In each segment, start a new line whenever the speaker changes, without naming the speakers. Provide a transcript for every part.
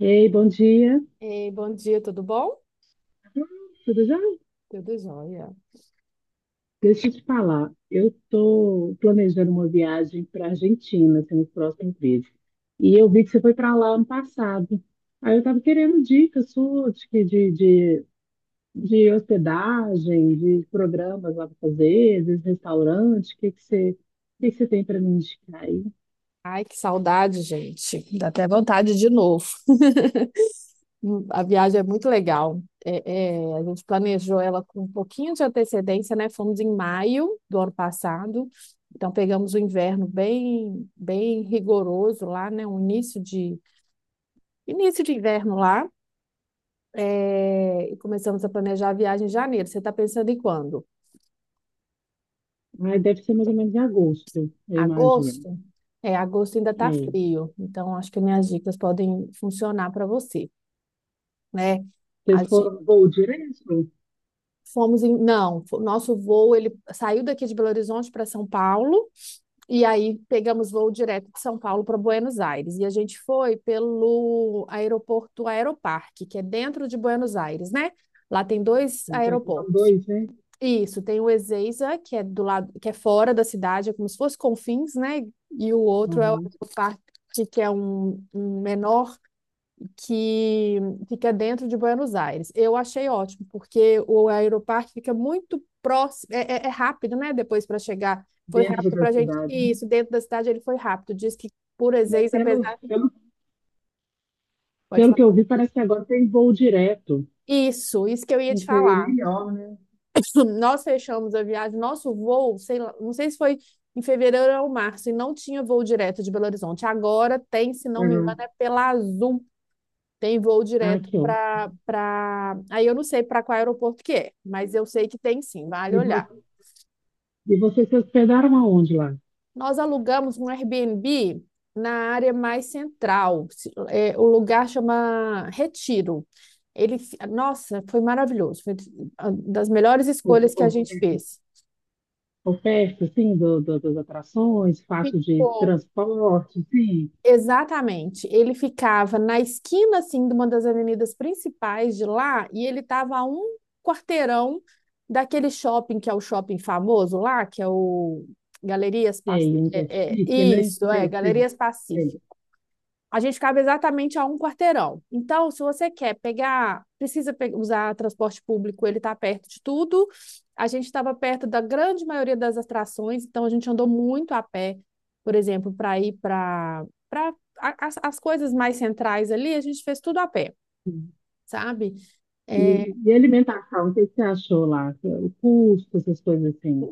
Ei, bom dia.
Ei, bom dia, tudo bom?
Tudo já?
Tudo jóia.
Deixa eu te falar. Eu estou planejando uma viagem para a Argentina assim, nos próximos meses. E eu vi que você foi para lá ano passado. Aí eu estava querendo dicas suas de hospedagem, de programas lá para fazer, de restaurante. O que que você tem para me indicar aí?
Ai, que saudade, gente. Dá até vontade de novo. A viagem é muito legal. É, a gente planejou ela com um pouquinho de antecedência, né? Fomos em maio do ano passado, então pegamos o inverno bem, bem rigoroso lá, né? Um início de inverno lá. É, e começamos a planejar a viagem em janeiro. Você está pensando em quando?
Aí deve ser mais ou menos em agosto, eu imagino.
Agosto? É, agosto ainda está
É.
frio, então acho que minhas dicas podem funcionar para você, né?
Vocês
A gente,
foram voo direto?
fomos em, não, o nosso voo ele saiu daqui de Belo Horizonte para São Paulo e aí pegamos voo direto de São Paulo para Buenos Aires e a gente foi pelo aeroporto Aeroparque, que é dentro de Buenos Aires, né? Lá tem dois
Porque aqui são
aeroportos.
dois, né?
Isso, tem o Ezeiza, que é do lado, que é fora da cidade, é como se fosse Confins, né? E o outro é o
Aham.
Parque, que é um menor que fica dentro de Buenos Aires. Eu achei ótimo, porque o Aeroparque fica muito próximo, é rápido, né? Depois para chegar, foi
Dentro
rápido
da
para a gente.
cidade.
Isso, dentro da cidade ele foi rápido. Diz que por
Né?
Ezeiza,
Pelo,
apesar.
pelo,
Pode
pelo que
falar.
eu vi, parece que agora tem voo direto.
Isso que eu ia
Vai
te
ser
falar.
melhor, né?
Nós fechamos a viagem, nosso voo, sei lá, não sei se foi em fevereiro ou março, e não tinha voo direto de Belo Horizonte. Agora tem, se não me engano, é
Uhum.
pela Azul. Tem voo
Ah,
direto
aqui, ó.
para aí eu não sei para qual aeroporto que é, mas eu sei que tem sim, vale
E, vo-
olhar.
e vocês se hospedaram aonde lá?
Nós alugamos um Airbnb na área mais central. É, o lugar chama Retiro. Ele, nossa, foi maravilhoso, foi uma das melhores
O-
escolhas que a
o-
gente fez.
Oferta, assim, das atrações, fácil de
Ficou
transporte, sim.
exatamente. Ele ficava na esquina assim de uma das avenidas principais de lá e ele estava a um quarteirão daquele shopping que é o shopping famoso lá, que é o Galerias Pac...
Sei, é
é, é,
chique, né?
isso, é,
Sei, sei,
Galerias
sei.
Pacífico. A gente cabe exatamente a um quarteirão. Então, se você quer pegar, precisa usar transporte público, ele está perto de tudo. A gente estava perto da grande maioria das atrações, então a gente andou muito a pé, por exemplo, para ir para as, as coisas mais centrais ali, a gente fez tudo a pé, sabe?
E,
É,
e alimentação, o que você achou lá? O custo, essas coisas assim.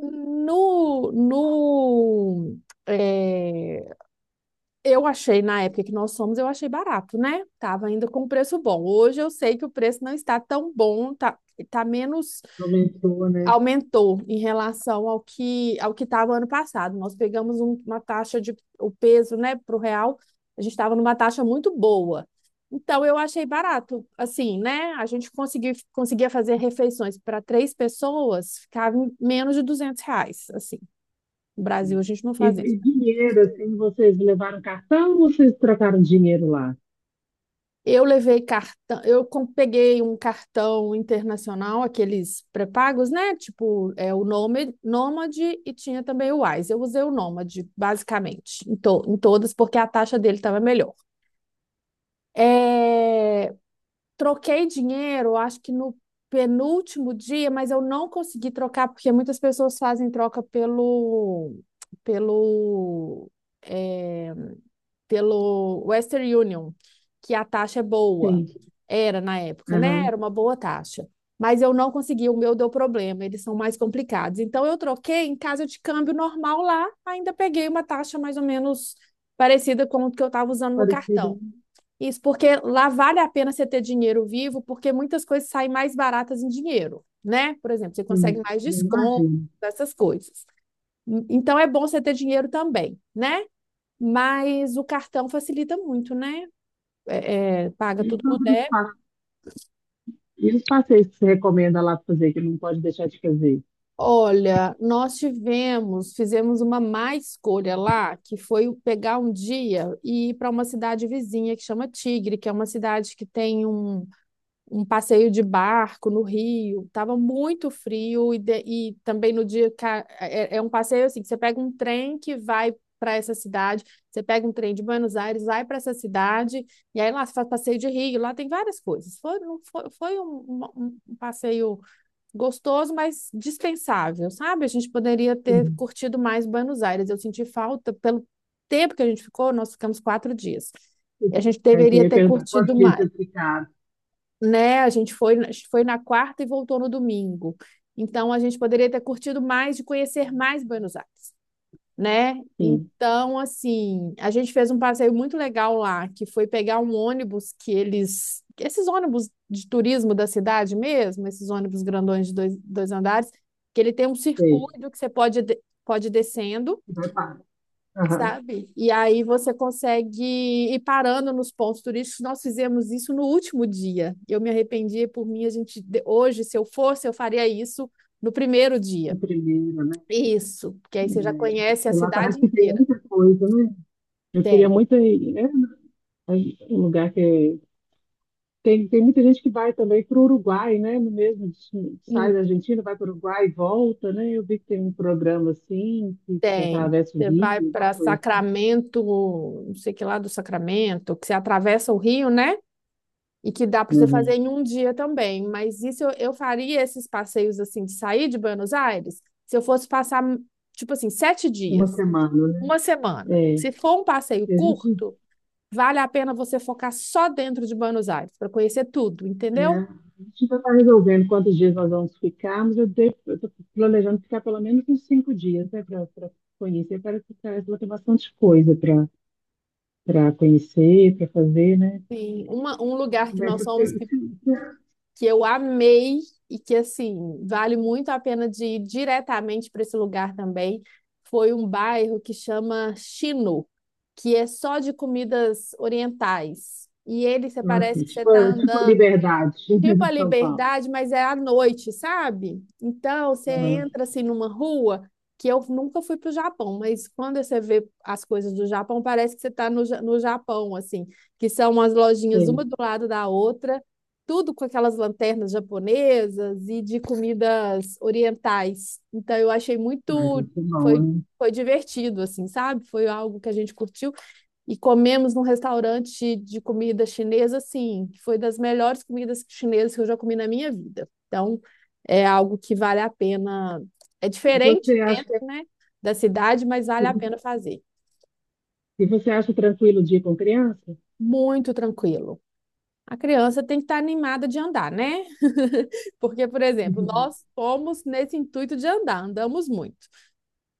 no no é, Eu achei, na época que nós fomos, eu achei barato, né? Tava ainda com preço bom. Hoje eu sei que o preço não está tão bom, tá, tá menos,
Aumentou, né?
aumentou em relação ao que estava ano passado. Nós pegamos uma taxa de o peso, né, pro real, a gente estava numa taxa muito boa. Então eu achei barato, assim, né? A gente conseguiu, conseguia fazer refeições para três pessoas, ficava em menos de R$ 200, assim. No Brasil a gente não
E,
faz isso.
e dinheiro, assim, vocês levaram cartão ou vocês trocaram dinheiro lá?
Eu levei cartão, eu peguei um cartão internacional, aqueles pré-pagos, né? Tipo, é o Nômade e tinha também o Wise. Eu usei o Nômade, basicamente, em todas, porque a taxa dele estava melhor. É, troquei dinheiro, acho que no penúltimo dia, mas eu não consegui trocar, porque muitas pessoas fazem troca pelo, pelo, é, pelo Western Union, que a taxa é boa.
Sim.
Era na época, né?
Aham.
Era uma boa taxa. Mas eu não consegui, o meu deu problema, eles são mais complicados. Então eu troquei em casa de câmbio normal lá, ainda peguei uma taxa mais ou menos parecida com o que eu estava usando no
Parecido.
cartão. Isso porque lá vale a pena você ter dinheiro vivo, porque muitas coisas saem mais baratas em dinheiro, né? Por exemplo, você consegue
Sim,
mais
eu
desconto,
imagino.
essas coisas. Então é bom você ter dinheiro também, né? Mas o cartão facilita muito, né? É, paga
E
tudo no
sobre os
débito.
passeios, e os passeios que você recomenda lá pra fazer, que não pode deixar de fazer?
Olha, nós tivemos, fizemos uma má escolha lá, que foi o pegar um dia e ir para uma cidade vizinha que chama Tigre, que é uma cidade que tem um passeio de barco no Rio, estava muito frio e, e também no dia é um passeio assim, que você pega um trem que vai para essa cidade, você pega um trem de Buenos Aires, vai para essa cidade e aí lá você faz passeio de Rio, lá tem várias coisas. Foi, não foi, foi um passeio gostoso, mas dispensável, sabe? A gente poderia ter
Sim.
curtido mais Buenos Aires. Eu senti falta pelo tempo que a gente ficou, nós ficamos 4 dias. E a gente
Aí você
deveria
ia
ter
perguntar
curtido
quantos dias
mais,
eu ficar.
né? A gente foi, foi na quarta e voltou no domingo. Então, a gente poderia ter curtido mais de conhecer mais Buenos Aires, né?
Sim,
Então, assim, a gente fez um passeio muito legal lá, que foi pegar um ônibus que eles. Esses ônibus de turismo da cidade mesmo, esses ônibus grandões de dois andares, que ele tem um
sei.
circuito que você pode ir descendo,
Vai para. Aham.
sabe? E aí você consegue ir parando nos pontos turísticos. Nós fizemos isso no último dia. Eu me arrependi por mim, a gente hoje, se eu fosse, eu faria isso no primeiro
O
dia.
primeiro, né?
Isso, porque aí você já conhece a
É. Lá
cidade
parece que tem
inteira.
muita coisa, né? Eu queria
Tem,
muito ir, né? É um lugar que tem muita gente que vai também para o Uruguai, né? No mesmo destino, sai
não
da Argentina, vai para o Uruguai e volta, né? Eu vi que tem um programa assim, que você
tem.
atravessa o
Você
rio,
vai
uma
para
coisa, assim.
Sacramento, não sei que lá do Sacramento, que você atravessa o rio, né? E que dá para você fazer
Uhum.
em um dia também. Mas isso eu faria esses passeios assim de sair de Buenos Aires se eu fosse passar, tipo assim, sete
Uma
dias,
semana, né?
uma semana.
É,
Se for um passeio
e a gente,
curto, vale a pena você focar só dentro de Buenos Aires para conhecer tudo,
é, a
entendeu?
gente ainda está resolvendo quantos dias nós vamos ficar, mas eu estou planejando ficar pelo menos uns 5 dias, né? Para conhecer, parece que tem bastante coisa para conhecer, para fazer, né?
Sim, um lugar que
Mas,
nós fomos que que eu amei e que, assim, vale muito a pena de ir diretamente para esse lugar também. Foi um bairro que chama Chino, que é só de comidas orientais. E ele, você parece
assim,
que você
tipo,
está
tipo
andando.
liberdade
Tipo a
em São Paulo.
Liberdade, mas é à noite, sabe? Então, você
Aham,
entra assim numa rua que eu nunca fui para o Japão, mas quando você vê as coisas do Japão, parece que você está no Japão, assim, que são as lojinhas
sei.
uma do lado da outra, tudo com aquelas lanternas japonesas e de comidas orientais. Então, eu achei
Mas
muito,
isso é bom,
foi,
né?
foi divertido, assim, sabe? Foi algo que a gente curtiu e comemos num restaurante de comida chinesa, assim, que foi das melhores comidas chinesas que eu já comi na minha vida. Então, é algo que vale a pena. É
E
diferente
Você acha que
dentro,
é-
né, da cidade, mas vale a pena fazer.
e você acha tranquilo de ir com criança?
Muito tranquilo. A criança tem que estar animada de andar, né? Porque, por exemplo,
Uhum.
nós fomos nesse intuito de andar, andamos muito.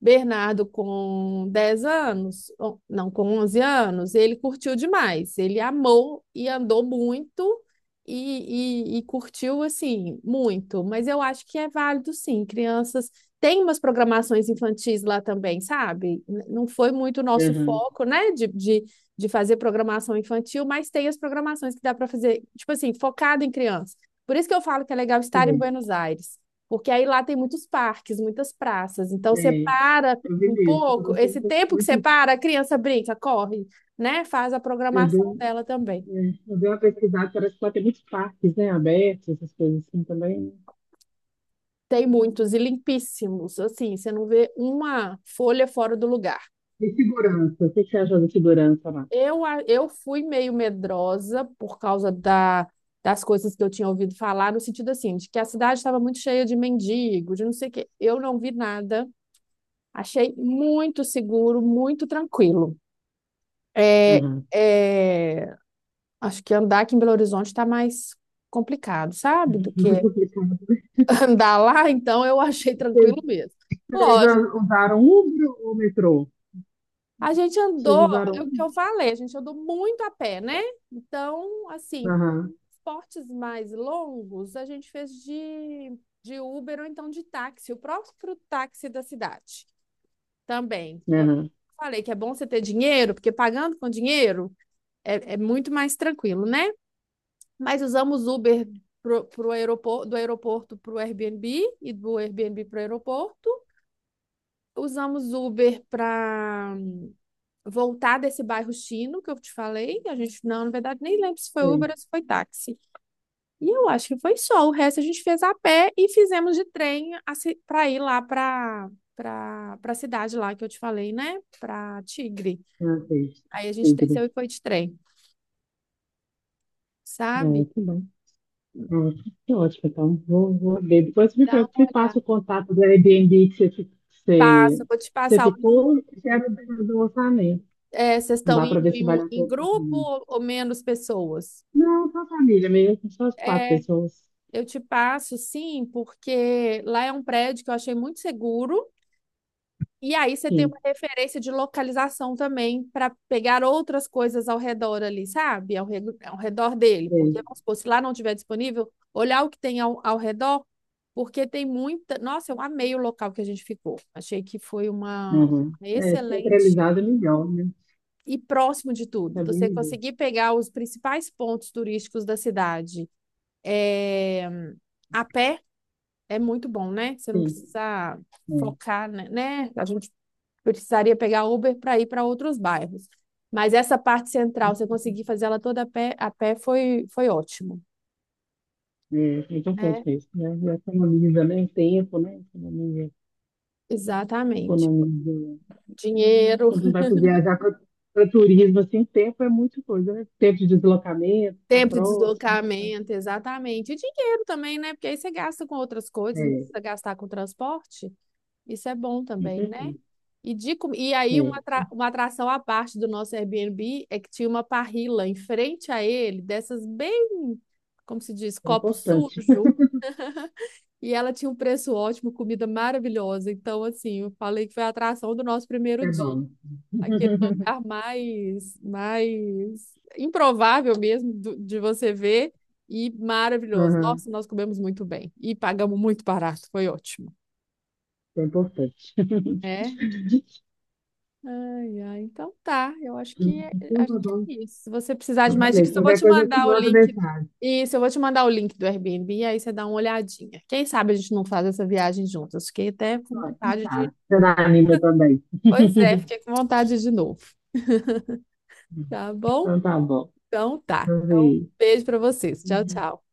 Bernardo, com 10 anos, não, com 11 anos, ele curtiu demais. Ele amou e andou muito e, e curtiu, assim, muito. Mas eu acho que é válido, sim. Crianças têm umas programações infantis lá também, sabe? Não foi muito o nosso
Aham,
foco, né, de fazer programação infantil, mas tem as programações que dá para fazer, tipo assim, focado em criança. Por isso que eu falo que é legal estar em
sei.
Buenos Aires. Porque aí lá tem muitos parques, muitas praças. Então você
É,
para
eu vi
um
isso. Por
pouco,
um
esse
tempo,
tempo que
muito,
você para, a criança brinca, corre, né? Faz a
eu
programação
dei,
dela também.
eu dei uma pesquisada, parece que lá tem muitos parques, né, abertos, essas coisas assim também.
Tem muitos e limpíssimos, assim, você não vê uma folha fora do lugar.
Né? E segurança, o que que você acha da segurança lá?
Eu, eu fui meio medrosa por causa da, das coisas que eu tinha ouvido falar, no sentido assim, de que a cidade estava muito cheia de mendigo, de não sei o quê. Eu não vi nada, achei muito seguro, muito tranquilo. É,
Aham.
é, acho que andar aqui em Belo Horizonte está mais complicado, sabe? Do
Mais
que
complicado.
andar lá, então eu achei
Vocês,
tranquilo mesmo.
vocês
Lógico,
usaram Uber ou metrô?
a gente
Vocês
andou,
usaram
é o
Uber?
que eu falei, a gente andou muito a pé, né? Então, assim,
Aham,
esportes mais longos a gente fez de Uber ou então de táxi, o próprio táxi da cidade também. Eu
aham,
falei que é bom você ter dinheiro, porque pagando com dinheiro é muito mais tranquilo, né? Mas usamos Uber pro aeroporto, do aeroporto para o Airbnb e do Airbnb para o aeroporto. Usamos Uber para voltar desse bairro chino que eu te falei. A gente, não, na verdade, nem lembro se foi Uber ou se foi táxi. E eu acho que foi só. O resto a gente fez a pé e fizemos de trem para ir lá para a cidade lá que eu te falei, né? Para Tigre.
ah, fez.
Aí a gente
Signo.
desceu e foi de trem, sabe?
É, que bom. Ótimo, que ótimo. Então, vou ver. Depois
Dá uma
me passa
olhada.
o contato do Airbnb que você,
Passa, vou te
você
passar o link.
ficou e quero ver do orçamento.
É, vocês estão
Dá para
indo
ver se
em, um,
vale a
em
pena o
grupo
apartamento.
ou menos pessoas?
Não, só família mesmo, só as quatro
É,
pessoas.
eu te passo, sim, porque lá é um prédio que eu achei muito seguro. E aí você tem uma
Sim,
referência de localização também para pegar outras coisas ao redor ali, sabe? Ao redor dele. Porque,
três.
vamos supor, se lá não tiver disponível, olhar o que tem ao redor, porque tem muita. Nossa, eu amei o local que a gente ficou. Achei que foi uma
Uhum. É,
excelente
centralizado é melhor, né?
e próximo de tudo.
Tá bem
Você
melhor.
conseguir pegar os principais pontos turísticos da cidade, é, a pé é muito bom, né? Você não
Sim,
precisa
é,
focar, né? A gente precisaria pegar Uber para ir para outros bairros. Mas essa parte central, você conseguir fazer ela toda a pé foi, foi ótimo,
é importante
né?
mesmo, né? E economiza, né? Tempo, né? Economiza,
Exatamente.
economiza.
Dinheiro,
Quando vai para viajar para turismo, assim, tempo é muita coisa, né? Tempo de deslocamento, ficar
tempo de
próximo, né? Então,
deslocamento, exatamente. E dinheiro também, né? Porque aí você gasta com outras coisas, não
é,
precisa gastar com transporte. Isso é bom
com
também,
certeza.
né? E aí, uma,
É,
atra- uma atração à parte do nosso Airbnb é que tinha uma parrilla em frente a ele, dessas bem, como se diz,
é
copo
importante.
sujo, e ela tinha um preço ótimo, comida maravilhosa. Então, assim, eu falei que foi a atração do nosso primeiro
É
dia.
bom.
Aquele lugar mais, mais improvável mesmo de você ver e maravilhoso.
Aham,
Nossa, nós comemos muito bem e pagamos muito barato, foi ótimo.
é importante.
é Ai, ai, então tá. Eu
Então,
acho
tá
que é
bom.
isso. Se você precisar de mais dicas,
Beleza,
eu vou
qualquer
te
coisa eu te
mandar o
mando
link.
mensagem.
Isso, eu vou te mandar o link do Airbnb, aí você dá uma olhadinha. Quem sabe a gente não faz essa viagem juntas. Fiquei até com
Ó, que
vontade de.
sabe. Você dá anima também.
Pois é, fiquei com vontade de novo. Tá bom?
Então tá bom.
Então tá. Então,
Talvez.
beijo pra vocês. Tchau, tchau.